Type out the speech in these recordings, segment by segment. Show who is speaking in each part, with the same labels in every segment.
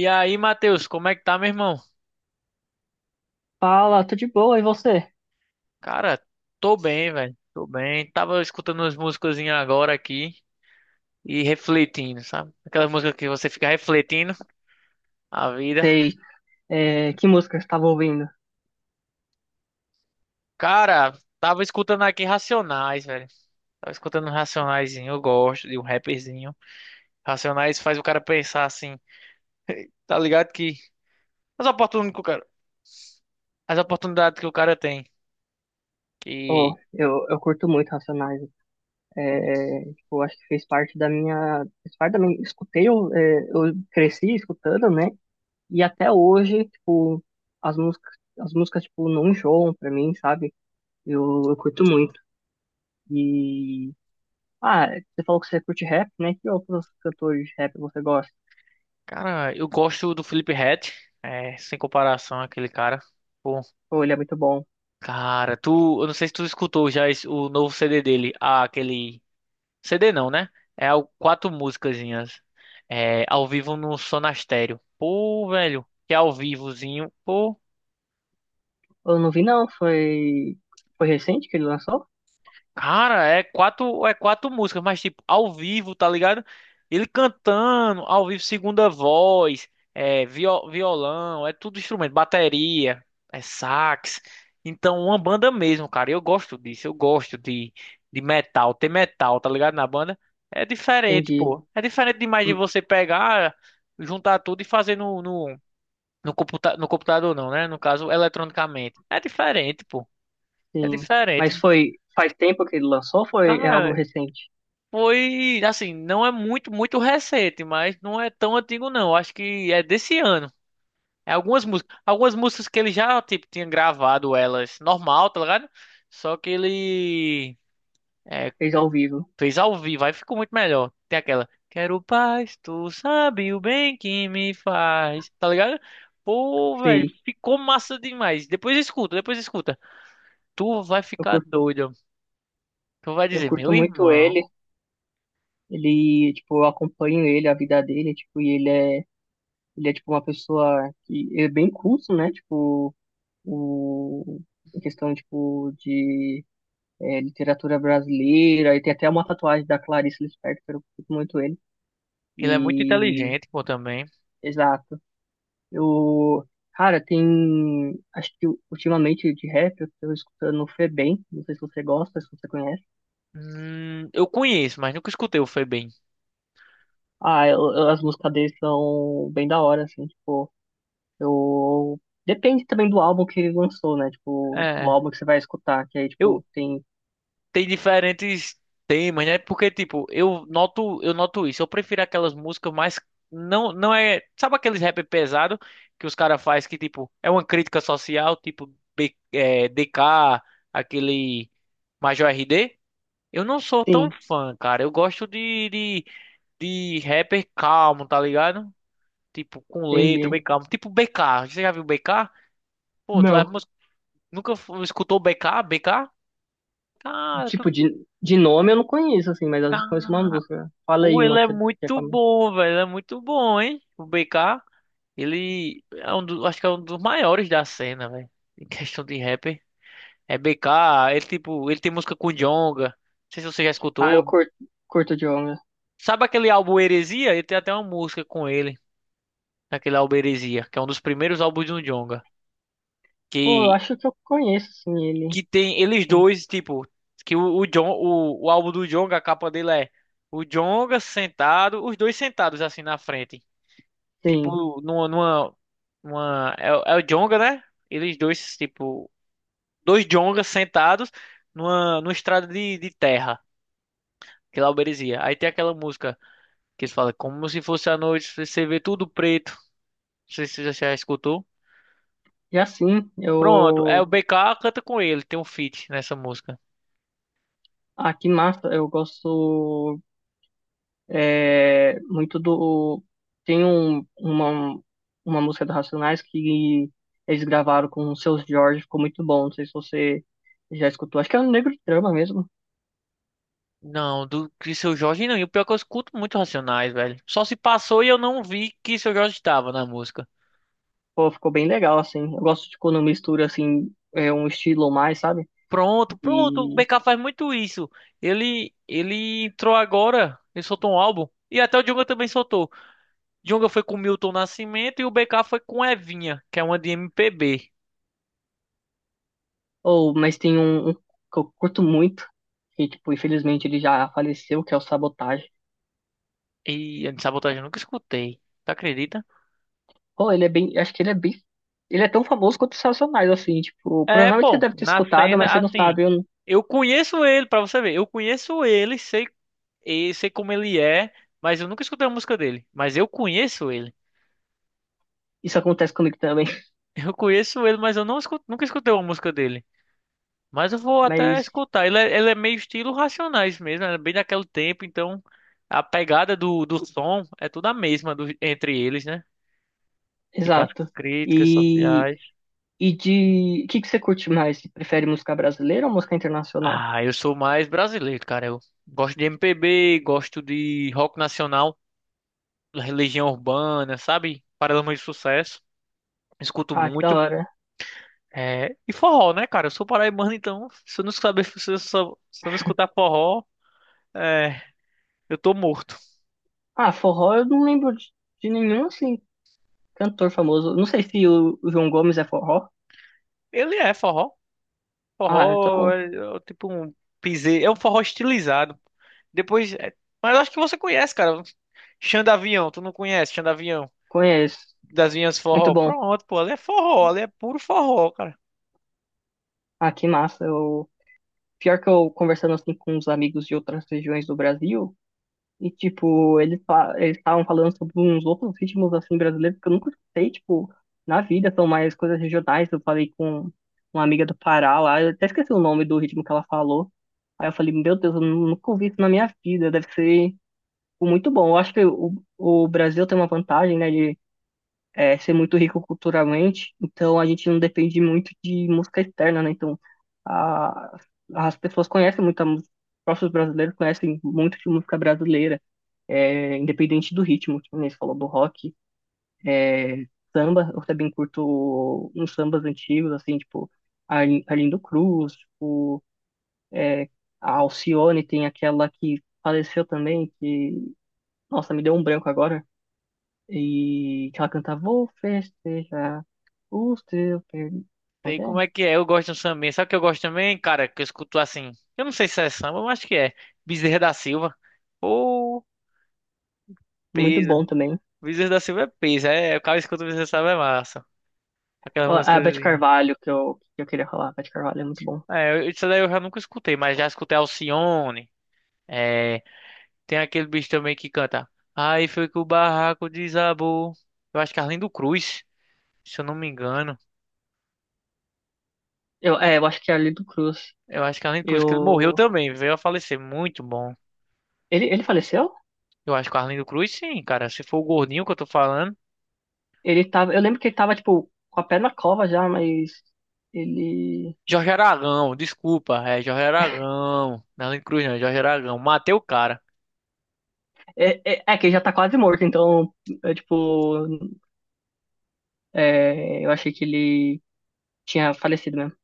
Speaker 1: E aí, Matheus, como é que tá, meu irmão?
Speaker 2: Fala, tô de boa, e você?
Speaker 1: Cara, tô bem, velho. Tô bem. Tava escutando umas musicazinhas agora aqui e refletindo, sabe? Aquelas músicas que você fica refletindo a vida.
Speaker 2: Sei. É, que música você estava ouvindo?
Speaker 1: Cara, tava escutando aqui Racionais, velho. Tava escutando um Racionaizinho, eu gosto de um rapperzinho. Racionais faz o cara pensar assim, tá ligado? Que as oportunidades que o cara, as oportunidades que o cara tem.
Speaker 2: Oh,
Speaker 1: Que,
Speaker 2: eu, eu curto muito Racionais. Tipo, acho que fez parte da minha. Fez parte da minha. Escutei, eu cresci escutando, né? E até hoje, tipo, as músicas, tipo, não enjoam pra mim, sabe? Eu curto muito. E. Ah, você falou que você curte rap, né? Que outros cantores de rap você gosta?
Speaker 1: cara, eu gosto do Felipe Ret, sem comparação aquele cara.
Speaker 2: Pô, ele é muito bom.
Speaker 1: Cara, tu, eu não sei se tu escutou já o novo CD dele, ah, aquele CD não, né? É o quatro musicazinhas, ao vivo no Sonastério. Pô, velho, que ao vivozinho.
Speaker 2: Eu não vi, não. Foi. Foi recente que ele lançou?
Speaker 1: Cara, é quatro músicas, mas tipo, ao vivo, tá ligado? Ele cantando, ao vivo, segunda voz, é violão, é tudo instrumento, bateria, é sax. Então, uma banda mesmo, cara. Eu gosto disso, eu gosto de metal, ter metal, tá ligado? Na banda. É diferente,
Speaker 2: Entendi.
Speaker 1: pô. É diferente demais de você pegar, juntar tudo e fazer no computa no computador, não, né? No caso, eletronicamente. É diferente, pô. É
Speaker 2: Sim.
Speaker 1: diferente.
Speaker 2: Mas foi faz tempo que ele lançou ou foi é algo
Speaker 1: Cara,
Speaker 2: recente?
Speaker 1: foi, assim, não é muito, muito recente, mas não é tão antigo não. Acho que é desse ano. É algumas músicas que ele já, tipo, tinha gravado elas normal, tá ligado? Só que ele é,
Speaker 2: Fez ao vivo.
Speaker 1: fez ao vivo, aí ficou muito melhor. Tem aquela, quero paz, tu sabe o bem que me faz, tá ligado? Pô, velho,
Speaker 2: Sei.
Speaker 1: ficou massa demais. Depois escuta, depois escuta. Tu vai
Speaker 2: Eu
Speaker 1: ficar
Speaker 2: curto,
Speaker 1: doido. Tu vai
Speaker 2: eu
Speaker 1: dizer,
Speaker 2: curto
Speaker 1: meu
Speaker 2: muito
Speaker 1: irmão,
Speaker 2: ele. Ele, tipo, eu acompanho ele, a vida dele, tipo, e ele é tipo uma pessoa que é bem culto, né? Tipo, o em questão tipo de é, literatura brasileira, e tem até uma tatuagem da Clarice Lispector, eu curto muito ele.
Speaker 1: ele é muito
Speaker 2: E
Speaker 1: inteligente, pô, também.
Speaker 2: exato. Eu, cara, tem. Acho que ultimamente de rap eu tô escutando o Febem. Não sei se você gosta, se você conhece.
Speaker 1: Eu conheço, mas nunca escutei o Febem.
Speaker 2: Ah, as músicas dele são bem da hora, assim, tipo, eu. Depende também do álbum que ele lançou, né? Tipo, do
Speaker 1: É,
Speaker 2: álbum que você vai escutar, que aí,
Speaker 1: eu
Speaker 2: tipo, tem.
Speaker 1: tem diferentes temas, né? Porque tipo, eu noto isso. Eu prefiro aquelas músicas mais não não é, sabe aqueles rap pesado que os caras faz que tipo, é uma crítica social, tipo B, é, DK, aquele Major R D. Eu não sou tão
Speaker 2: Sim,
Speaker 1: fã, cara. Eu gosto de rapper calmo, tá ligado? Tipo, com letra,
Speaker 2: entendi.
Speaker 1: bem calmo. Tipo BK. Você já viu BK? Pô, tu,
Speaker 2: Não.
Speaker 1: nunca escutou BK? BK? Cara, tu...
Speaker 2: Tipo, de nome eu não conheço, assim, mas eu conheço
Speaker 1: tá-
Speaker 2: uma música. Fala
Speaker 1: Pô,
Speaker 2: aí
Speaker 1: ele
Speaker 2: uma
Speaker 1: é
Speaker 2: que é
Speaker 1: muito
Speaker 2: famosa.
Speaker 1: bom, velho. Ele é muito bom, hein? O BK, ele é um do... acho que é um dos maiores da cena, velho. Em questão de rapper. É BK, ele tipo, ele tem música com Djonga. Não sei se você já
Speaker 2: Ah, eu
Speaker 1: escutou.
Speaker 2: curto, curto de onda.
Speaker 1: Sabe aquele álbum Heresia? Ele tem até uma música com ele, naquele álbum Heresia, que é um dos primeiros álbuns do Djonga.
Speaker 2: Pô, eu
Speaker 1: Que
Speaker 2: acho que eu conheço, assim, ele.
Speaker 1: que tem eles
Speaker 2: Então,
Speaker 1: dois, tipo, que o John, o álbum do Jonga, a capa dele é o Jonga sentado, os dois sentados assim na frente.
Speaker 2: sim.
Speaker 1: Tipo, é, o é o Jonga, né? Eles dois, tipo, dois Jongas sentados numa, numa estrada de terra, que lá é o Berezia. Aí tem aquela música que eles falam, como se fosse a noite, você vê tudo preto. Não sei se você já escutou.
Speaker 2: E assim,
Speaker 1: Pronto, é o
Speaker 2: eu
Speaker 1: BK canta com ele, tem um feat nessa música.
Speaker 2: aqui em Massa eu gosto é, muito do tem um, uma música do Racionais que eles gravaram com o Seu Jorge, ficou muito bom. Não sei se você já escutou. Acho que é um Negro de Trama mesmo.
Speaker 1: Não, do que seu Jorge não. E o pior é que eu escuto muito Racionais, velho. Só se passou e eu não vi que seu Jorge estava na música.
Speaker 2: Pô, ficou bem legal assim. Eu gosto de quando mistura assim é um estilo mais, sabe?
Speaker 1: Pronto, pronto. O
Speaker 2: E
Speaker 1: BK faz muito isso. Ele entrou agora. Ele soltou um álbum. E até o Djonga também soltou. Djonga foi com Milton Nascimento e o BK foi com Evinha, que é uma de MPB.
Speaker 2: ou mas tem um, um que eu curto muito que tipo infelizmente ele já faleceu, que é o Sabotagem.
Speaker 1: E a de sabotagem eu nunca escutei. Tu acredita?
Speaker 2: Pô, ele é bem. Acho que ele é bem. Ele é tão famoso quanto os Racionais, assim, tipo,
Speaker 1: É,
Speaker 2: provavelmente você
Speaker 1: pô,
Speaker 2: deve ter
Speaker 1: na
Speaker 2: escutado, mas
Speaker 1: cena,
Speaker 2: você não
Speaker 1: assim,
Speaker 2: sabe, eu não-
Speaker 1: eu conheço ele, pra você ver, eu conheço ele, sei, e sei como ele é, mas eu nunca escutei uma música dele. Mas eu conheço ele.
Speaker 2: isso acontece comigo também.
Speaker 1: Eu conheço ele, mas eu não nunca escutei uma música dele. Mas eu vou até
Speaker 2: Mas,
Speaker 1: escutar. Ele é meio estilo Racionais mesmo, é bem daquele tempo, então a pegada do, do som é toda a mesma entre eles, né? Tipo as
Speaker 2: exato.
Speaker 1: críticas
Speaker 2: E,
Speaker 1: sociais.
Speaker 2: e de. O que que você curte mais? Você prefere música brasileira ou música internacional?
Speaker 1: Ah, eu sou mais brasileiro, cara. Eu gosto de MPB, gosto de rock nacional. Legião Urbana, sabe? Paralamas de Sucesso. Escuto
Speaker 2: Ah, que da
Speaker 1: muito.
Speaker 2: hora.
Speaker 1: É, e forró, né, cara? Eu sou paraibano, então se eu não saber, se eu, se eu não escutar forró, é, eu tô morto.
Speaker 2: Ah, forró eu não lembro de nenhum, assim, cantor famoso. Não sei se o João Gomes é forró.
Speaker 1: Ele é forró.
Speaker 2: Ah,
Speaker 1: Forró
Speaker 2: então
Speaker 1: é, é tipo um piseiro, é um forró estilizado. Depois, é, mas acho que você conhece, cara. Xandavião, tu não conhece Xandavião?
Speaker 2: conheço.
Speaker 1: Das Vinhas
Speaker 2: Muito
Speaker 1: Forró?
Speaker 2: bom.
Speaker 1: Pronto, pô, ali é forró, ali é puro forró, cara.
Speaker 2: Ah, que massa. Eu, pior que eu conversando assim com uns amigos de outras regiões do Brasil. E, tipo, eles estavam falando sobre uns outros ritmos, assim, brasileiros que eu nunca escutei, tipo, na vida, são mais coisas regionais. Eu falei com uma amiga do Pará lá, eu até esqueci o nome do ritmo que ela falou. Aí eu falei, meu Deus, eu nunca ouvi isso na minha vida, deve ser tipo, muito bom. Eu acho que o Brasil tem uma vantagem, né, de é, ser muito rico culturalmente, então a gente não depende muito de música externa, né, então a, as pessoas conhecem muito a música, os próprios brasileiros conhecem muito de música brasileira, é, independente do ritmo, que nem você falou do rock, é, samba, eu também curto uns sambas antigos, assim, tipo, Arlindo Cruz, tipo, é, a Alcione tem aquela que faleceu também, que, nossa, me deu um branco agora, e que ela canta Vou festejar o seu perdi-" Como
Speaker 1: Sei
Speaker 2: que
Speaker 1: como é
Speaker 2: é?
Speaker 1: que é, eu gosto de um sambinha. Sabe o que eu gosto também, cara? Que eu escuto assim. Eu não sei se é samba, mas acho que é. Bezerra da Silva. Ô,
Speaker 2: Muito
Speaker 1: peso.
Speaker 2: bom também.
Speaker 1: Bezerra da Silva é peso. É, o cara escuta o Bezerra da Silva é massa. Aquelas
Speaker 2: Ó, A
Speaker 1: músicas.
Speaker 2: Beth Carvalho, que eu queria falar, a Beth Carvalho é muito bom.
Speaker 1: É, isso daí eu já nunca escutei, mas já escutei Alcione. É, tem aquele bicho também que canta. Aí foi que o barraco desabou. Eu acho que Arlindo Cruz, se eu não me engano.
Speaker 2: Eu acho que é a Arlindo Cruz.
Speaker 1: Eu acho que Arlindo Cruz, que ele morreu
Speaker 2: Eu...
Speaker 1: também, veio a falecer. Muito bom.
Speaker 2: Ele faleceu?
Speaker 1: Eu acho que o Arlindo Cruz, sim, cara. Se for o gordinho que eu tô falando.
Speaker 2: Ele tava, eu lembro que ele tava, tipo, com a pé na cova já, mas ele.
Speaker 1: Jorge Aragão, desculpa, é Jorge Aragão. Não, Nela Cruz não, é Jorge Aragão. Matei o cara.
Speaker 2: É que ele já tá quase morto, então, é, tipo, é, eu achei que ele tinha falecido mesmo.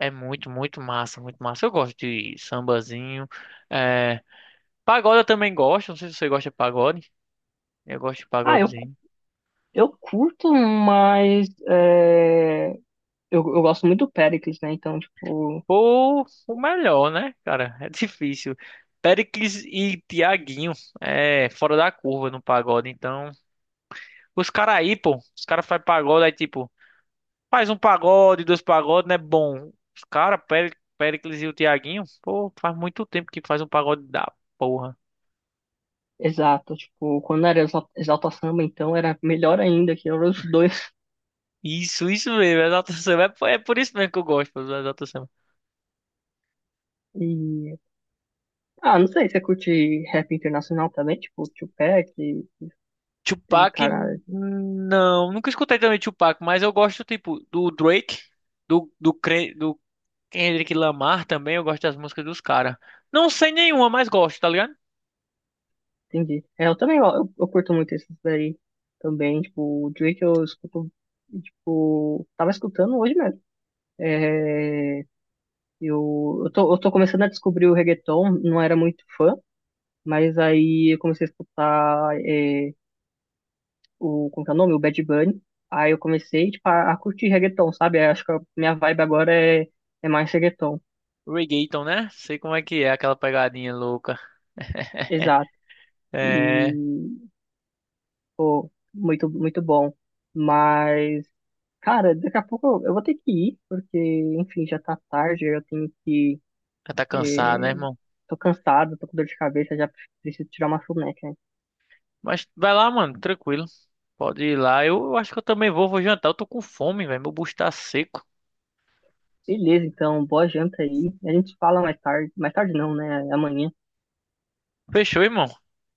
Speaker 1: É muito, muito massa, muito massa. Eu gosto de sambazinho. É, pagode eu também gosto. Não sei se você gosta de pagode. Eu gosto de
Speaker 2: Ah, eu,
Speaker 1: pagodezinho.
Speaker 2: eu curto, mas é, eu gosto muito do Pericles, né? Então, tipo,
Speaker 1: Pô, o melhor, né, cara? É difícil. Péricles e Tiaguinho é fora da curva no pagode. Então, os caras aí, pô, os caras fazem pagode aí, tipo. Faz um pagode, dois pagodes, né? Bom, os cara, Péricles e o Thiaguinho, pô, faz muito tempo que faz um pagode da porra.
Speaker 2: exato, tipo, quando era Exalta Samba, então era melhor ainda, que eram os dois.
Speaker 1: Isso mesmo, é Exalta Samba. É, por é por isso mesmo que eu gosto do Exalta Samba.
Speaker 2: E, ah, não sei, você curte rap internacional também, tipo, Tupac e
Speaker 1: Tupac,
Speaker 2: cara.
Speaker 1: não, nunca escutei também Tupac, mas eu gosto, tipo, do Drake, do Kendrick Lamar também, eu gosto das músicas dos caras. Não sei nenhuma, mas gosto, tá ligado?
Speaker 2: Entendi. É, eu também, ó, eu curto muito esses daí também, tipo, o Drake eu escuto, tipo, tava escutando hoje mesmo. É, eu tô começando a descobrir o reggaeton, não era muito fã, mas aí eu comecei a escutar, é, o, como que é o nome? O Bad Bunny. Aí eu comecei, tipo, a curtir reggaeton, sabe? Eu acho que a minha vibe agora é, é mais reggaeton.
Speaker 1: Reggaeton, né? Sei como é que é aquela pegadinha louca.
Speaker 2: Exato.
Speaker 1: É,
Speaker 2: E, pô, muito, muito bom. Mas... Cara, daqui a pouco eu vou ter que ir, porque, enfim, já tá tarde, eu tenho que.
Speaker 1: já tá cansado, né,
Speaker 2: eh,
Speaker 1: irmão?
Speaker 2: Tô cansado, tô com dor de cabeça, já preciso tirar uma soneca.
Speaker 1: Mas vai lá, mano, tranquilo. Pode ir lá. Eu acho que eu também vou, vou jantar. Eu tô com fome, velho. Meu bucho tá seco.
Speaker 2: Beleza, então, boa janta aí. A gente se fala mais tarde. Mais tarde não, né? Amanhã.
Speaker 1: Fechou, irmão.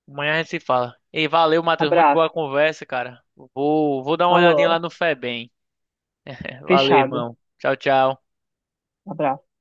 Speaker 1: Amanhã a gente se fala. Ei, valeu, Matheus. Muito
Speaker 2: Abraço.
Speaker 1: boa conversa, cara. Vou, vou dar uma olhadinha lá
Speaker 2: Falou.
Speaker 1: no Febem. Valeu,
Speaker 2: Fechado.
Speaker 1: irmão. Tchau, tchau.
Speaker 2: Abraço.